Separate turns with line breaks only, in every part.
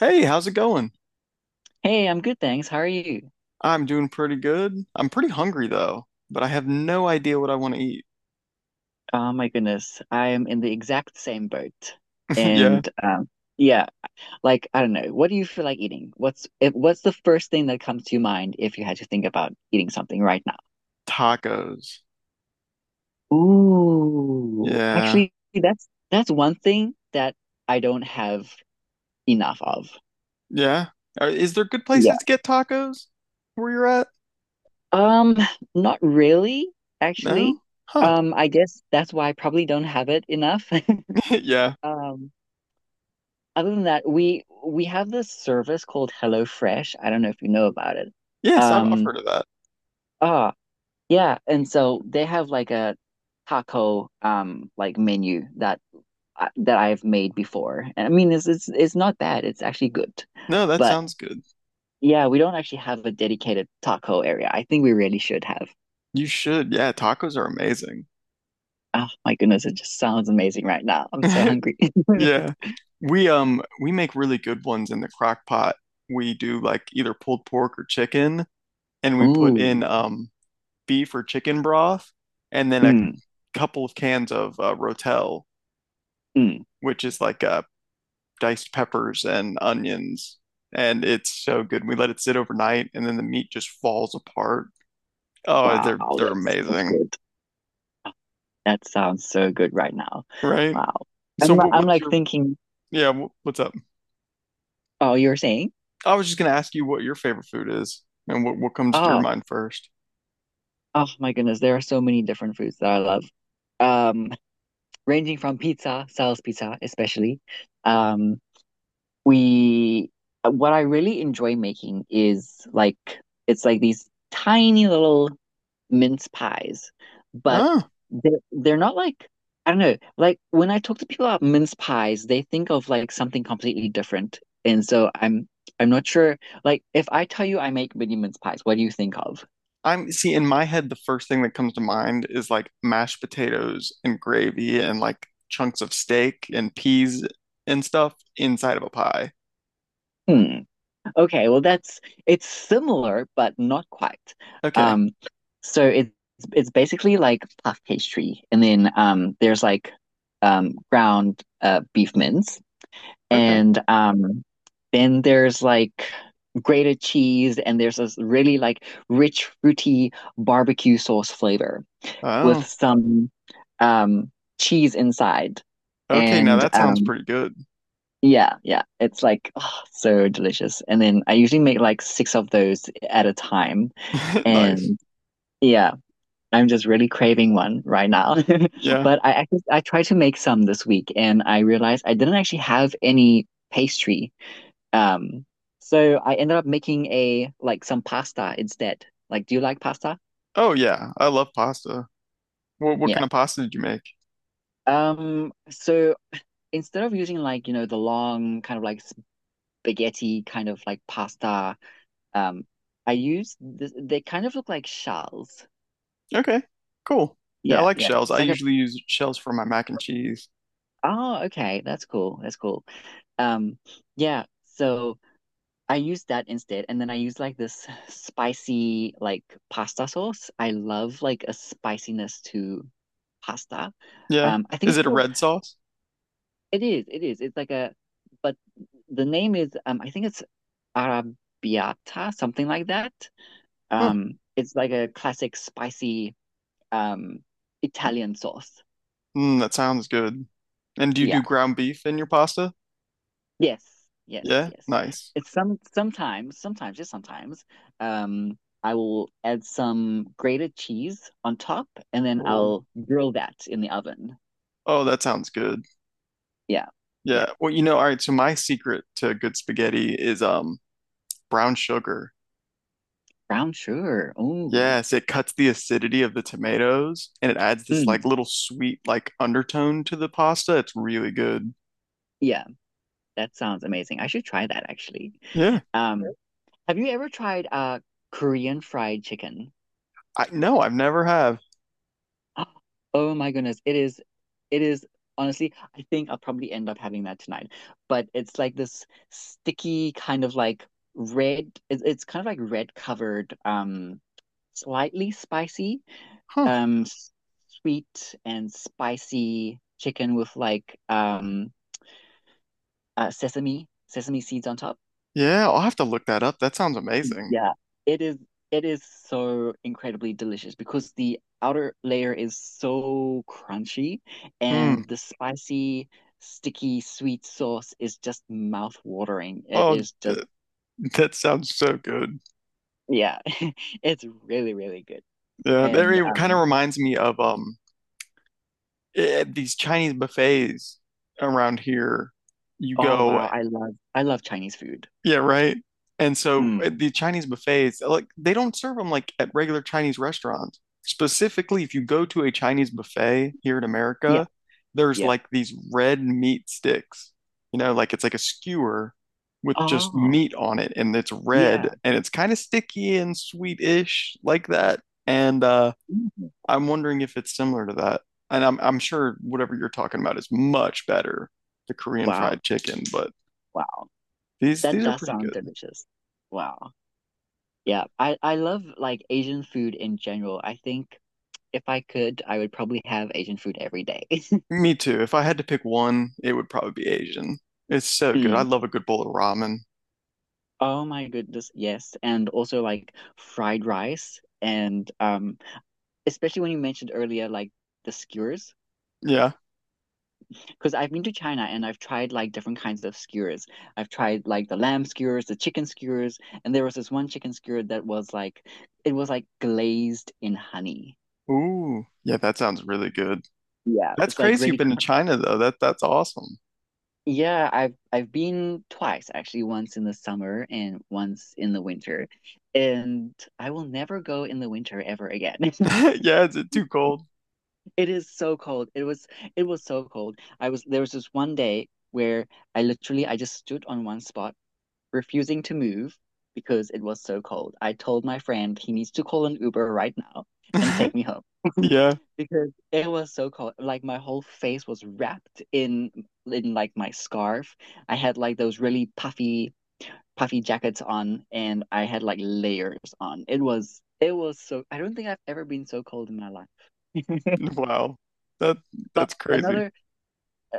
Hey, how's it going?
Hey, I'm good, thanks. How are you?
I'm doing pretty good. I'm pretty hungry though, but I have no idea what I want to eat.
Oh my goodness, I am in the exact same boat.
Yeah,
And yeah, like I don't know, what do you feel like eating? What's if, what's the first thing that comes to your mind if you had to think about eating something right now?
tacos.
Ooh,
Yeah,
actually, that's one thing that I don't have enough of.
yeah. Is there good
Yeah.
places to get tacos where you're at?
Um, Not really,
No?
actually.
Huh.
I guess that's why I probably don't have it enough.
Yeah.
Um, Other than that, we have this service called HelloFresh. I don't know if you know about it.
Yes, I've
Um,
heard of that.
ah, yeah, and so they have like a taco like menu that that I've made before. And I mean, it's not bad. It's actually good.
No, that
But
sounds good.
yeah, we don't actually have a dedicated taco area. I think we really should have.
You should. Yeah, tacos are amazing.
Oh my goodness, it just sounds amazing right now. I'm so hungry.
Yeah. We make really good ones in the crock pot. We do like either pulled pork or chicken, and we put
Oh,
in beef or chicken broth, and then a
mm,
couple of cans of Rotel,
mm,
which is like diced peppers and onions. And it's so good. We let it sit overnight, and then the meat just falls apart. Oh, they're
wow,
they're
that's
amazing,
good. That sounds so good right now.
right?
Wow.
So what,
I'm
what's
like
your
thinking,
yeah? What's up?
oh, you're saying?
I was just gonna ask you what your favorite food is, and what comes to your
Oh,
mind first.
oh my goodness, there are so many different foods that I love. Um, Ranging from pizza, Sal's pizza especially. Um, we what I really enjoy making is like it's like these tiny little mince pies, but
Oh.
they're not like, I don't know, like when I talk to people about mince pies, they think of like something completely different. And so I'm not sure, like if I tell you I make mini mince pies, what do you think of?
I'm see in my head the first thing that comes to mind is like mashed potatoes and gravy and like chunks of steak and peas and stuff inside of a pie.
Hmm. Okay, well that's it's similar but not quite.
Okay.
Um, so it's basically like puff pastry, and then there's like ground beef mince,
Okay.
and then there's like grated cheese, and there's this really like rich, fruity barbecue sauce flavor with
Oh.
some um cheese inside.
Okay, now
And
that sounds
um
pretty good.
yeah, yeah, it's like oh, so delicious. And then I usually make like six of those at a time.
Nice.
And yeah, I'm just really craving one right now.
Yeah.
But I tried to make some this week and I realized I didn't actually have any pastry, um, so I ended up making a like some pasta instead. Like, do you like pasta?
Oh yeah, I love pasta. What kind
Yeah.
of pasta did you make?
So instead of using like, you know, the long kind of like spaghetti kind of like pasta, um, I use this, they kind of look like shells.
Okay. Cool. Yeah, I
Yeah,
like
yeah.
shells. I usually use shells for my mac and cheese.
Oh, okay, that's cool. That's cool. Um, yeah. So I used that instead, and then I used like this spicy like pasta sauce. I love like a spiciness to pasta.
Yeah.
I think
Is
it's
it a
called.
red sauce?
It is. It is. It's like a, but the name is. I think it's Arrabbiata, something like that.
Huh.
It's like a classic spicy um Italian sauce.
Mm, that sounds good. And do you
Yeah.
do ground beef in your pasta?
Yes, yes,
Yeah.
yes.
Nice.
It's sometimes, sometimes, just sometimes, um, I will add some grated cheese on top and then
Oh,
I'll grill that in the oven.
oh, that sounds good.
Yeah, yeah.
Yeah. Well, you know, all right, so my secret to good spaghetti is brown sugar.
Brown sugar. Oh,
Yes, it cuts the acidity of the tomatoes and it adds this like
mm,
little sweet like undertone to the pasta. It's really good.
yeah, that sounds amazing. I should try that actually.
Yeah.
Um, have you ever tried Korean fried chicken?
I no, I've never have.
Oh my goodness. It is honestly, I think I'll probably end up having that tonight. But it's like this sticky kind of like red, it's kind of like red covered, slightly spicy,
Huh.
um, s- sweet and spicy chicken with like sesame seeds on top.
Yeah, I'll have to look that up. That sounds amazing.
Yeah, it is it is so incredibly delicious because the outer layer is so crunchy
Hmm.
and the spicy, sticky, sweet sauce is just mouth-watering. It
Oh,
is
th
just
that sounds so good.
yeah, it's really, really good.
Yeah,
And
that kind of
um
reminds me of these Chinese buffets around here. You
Oh
go
wow, I love Chinese food.
yeah, right. And so at
Mm.
the Chinese buffets, like they don't serve them like at regular Chinese restaurants. Specifically, if you go to a Chinese buffet here in
Yeah,
America, there's
yeah.
like these red meat sticks. You know, like it's like a skewer with just
Oh,
meat on it and it's red
yeah.
and it's kind of sticky and sweetish like that. And
Mhm.
I'm wondering if it's similar to that. And I'm sure whatever you're talking about is much better, the Korean
Wow,
fried chicken, but
wow.
these
That
these are
does
pretty
sound
good.
delicious. Wow. Yeah, I love like Asian food in general. I think if I could, I would probably have Asian food every day.
Me too. If I had to pick one, it would probably be Asian. It's so good. I
Mm.
love a good bowl of ramen.
Oh my goodness, yes. And also like fried rice and especially when you mentioned earlier like the skewers
Yeah.
because I've been to China and I've tried like different kinds of skewers. I've tried like the lamb skewers, the chicken skewers, and there was this one chicken skewer that was like it was like glazed in honey.
Ooh. Yeah, that sounds really good.
Yeah,
That's
it's like
crazy you've
really.
been to China though. That's awesome.
Yeah, I've been twice actually, once in the summer and once in the winter. And I will never go in the winter ever again.
Yeah, is it too cold?
It is so cold. It was so cold. I was there was this one day where I just stood on one spot, refusing to move because it was so cold. I told my friend he needs to call an Uber right now and take me home.
Yeah.
because it was so cold. Like my whole face was wrapped in like my scarf. I had like those really puffy puffy jackets on, and I had like layers on. It was so. I don't think I've ever been so cold in my life.
Wow. That
But
that's crazy.
another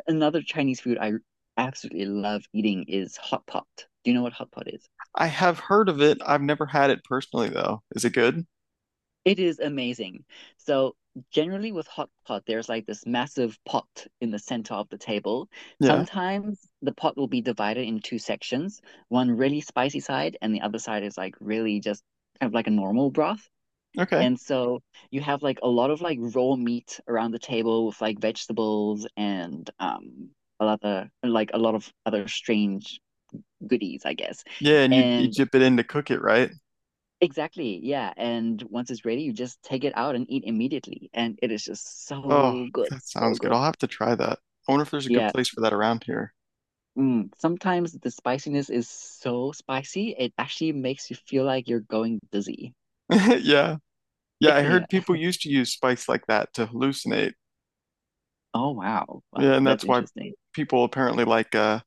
another Chinese food I absolutely love eating is hot pot. Do you know what hot pot is?
I have heard of it. I've never had it personally though. Is it good?
It is amazing. So generally with hot pot, there's like this massive pot in the center of the table.
Yeah.
Sometimes the pot will be divided in two sections, one really spicy side and the other side is like really just kind of like a normal broth.
Okay.
And so you have like a lot of like raw meat around the table with like vegetables and a lot of like a lot of other strange goodies, I guess.
Yeah, and you
And
dip it in to cook it, right?
Exactly. Yeah. And once it's ready, you just take it out and eat immediately. And it is just
Oh,
so good.
that
So
sounds good.
good.
I'll have to try that. I wonder if there's a good
Yeah.
place for that around here.
Mm. Sometimes the spiciness is so spicy, it actually makes you feel like you're going dizzy.
Yeah. Yeah, I
Yeah.
heard people used to use spice like that to hallucinate.
Oh, wow.
Yeah,
Wow.
and
That's
that's why
interesting.
people apparently like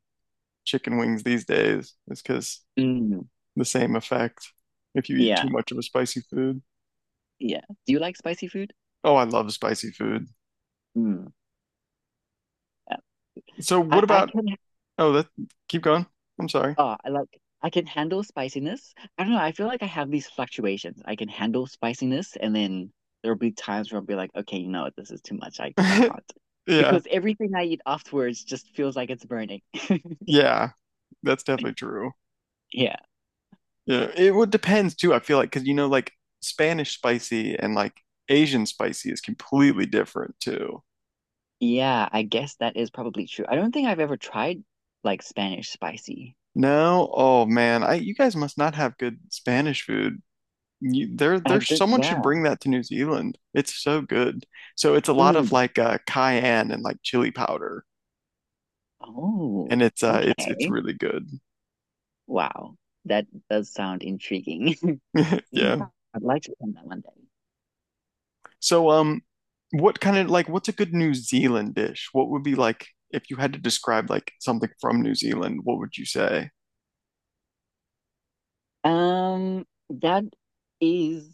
chicken wings these days, is because
Mm.
the same effect if you eat
Yeah.
too much of a spicy food.
Yeah. Do you like spicy food?
Oh, I love spicy food.
Mm, yeah,
So
I,
what
I
about,
can.
oh, that, keep going. I'm sorry.
Oh, I can handle spiciness. I don't know. I feel like I have these fluctuations. I can handle spiciness, and then there'll be times where I'll be like, okay, you know what, this is too much. I can't.
Yeah,
Because everything I eat afterwards just feels like it's burning.
yeah, that's definitely true.
Yeah.
Yeah, it would depends too, I feel like, because you know, like Spanish spicy and like Asian spicy is completely different too.
Yeah, I guess that is probably true. I don't think I've ever tried like Spanish spicy.
No? Oh man, I you guys must not have good Spanish food.
I did,
Someone should
yeah.
bring that to New Zealand. It's so good. So it's a lot of
Mm.
like cayenne and like chili powder,
Oh,
and it's it's
okay.
really good.
Wow. That does sound intriguing. Mm.
Yeah.
I'd like to try that one day.
So what kind of like what's a good New Zealand dish? What would be like if you had to describe like something from New Zealand? What would you say?
Um, that is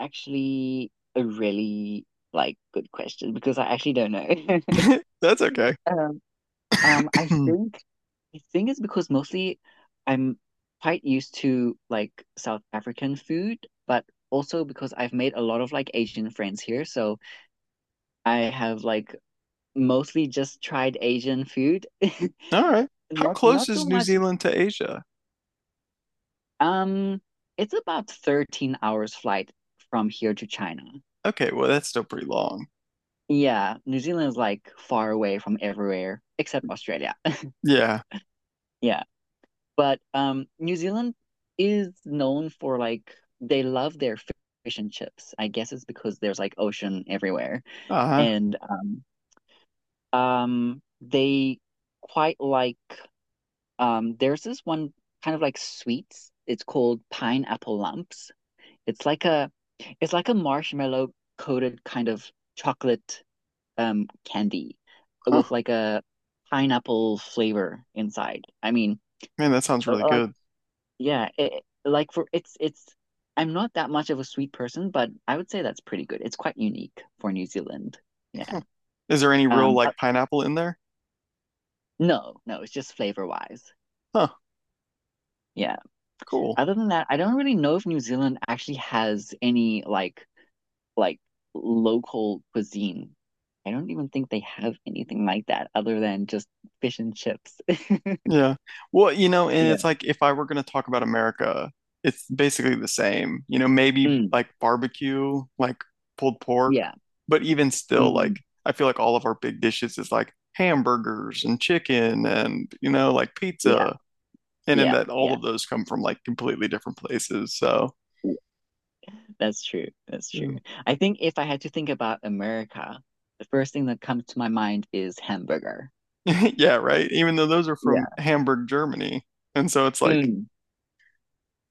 actually a really like good question because I actually don't know.
That's okay.
Um, um, I
All
think I think it's because mostly I'm quite used to like South African food, but also because I've made a lot of like Asian friends here, so I have like mostly just tried Asian food.
right. How
Not
close
not so
is New
much.
Zealand to Asia?
Um, it's about 13 hours flight from here to China.
Okay, well that's still pretty long.
Yeah, New Zealand is like far away from everywhere except Australia.
Yeah.
Yeah, but New Zealand is known for like they love their fish and chips. I guess it's because there's like ocean everywhere,
Uh-huh.
and they quite like. There's this one kind of like sweets. It's called pineapple lumps. It's like a, it's like a marshmallow coated kind of chocolate candy with
Huh.
like a pineapple flavor inside. I mean,
Man, that sounds really
like
good.
yeah, it, like for it's I'm not that much of a sweet person, but I would say that's pretty good. It's quite unique for New Zealand. Yeah.
Is there any real
Um uh,
like pineapple in there?
no, no, it's just flavor wise.
Huh,
Yeah.
cool.
Other than that, I don't really know if New Zealand actually has any like local cuisine. I don't even think they have anything like that other than just fish and chips.
Yeah. Well, you know, and it's
Yeah.
like if I were going to talk about America, it's basically the same. You know, maybe
Mm,
like barbecue, like pulled pork,
yeah.
but even still,
Mm,
like I feel like all of our big dishes is like hamburgers and chicken and, you know, like
yeah,
pizza. And in
yeah,
that all
yeah.
of those come from like completely different places. So,
Yeah. That's true. That's true.
yeah,
I think if I had to think about America, the first thing that comes to my mind is hamburger.
yeah, right. Even though those are from
Yeah.
Hamburg, Germany. And so it's like,
Mm.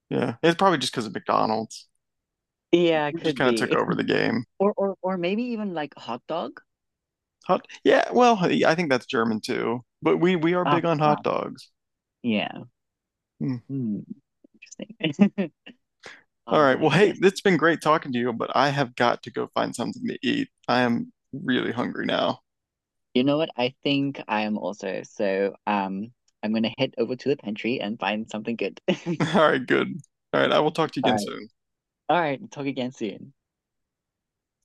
yeah, it's probably just because of McDonald's.
Yeah,
We just
could
kind of took
be.
over the game.
Or maybe even like hot dog.
Hot, yeah. Well, hey, I think that's German too. But we are
Oh,
big on hot
wow.
dogs.
Yeah.
Hmm.
Hmm. Interesting.
All
Oh
right.
my
Well, hey,
goodness.
it's been great talking to you, but I have got to go find something to eat. I am really hungry now.
You know what? I think I am also. So, I'm gonna head over to the pantry and find something good.
All right, good. All right, I will talk to you
All
again
right.
soon.
All right. Talk again soon.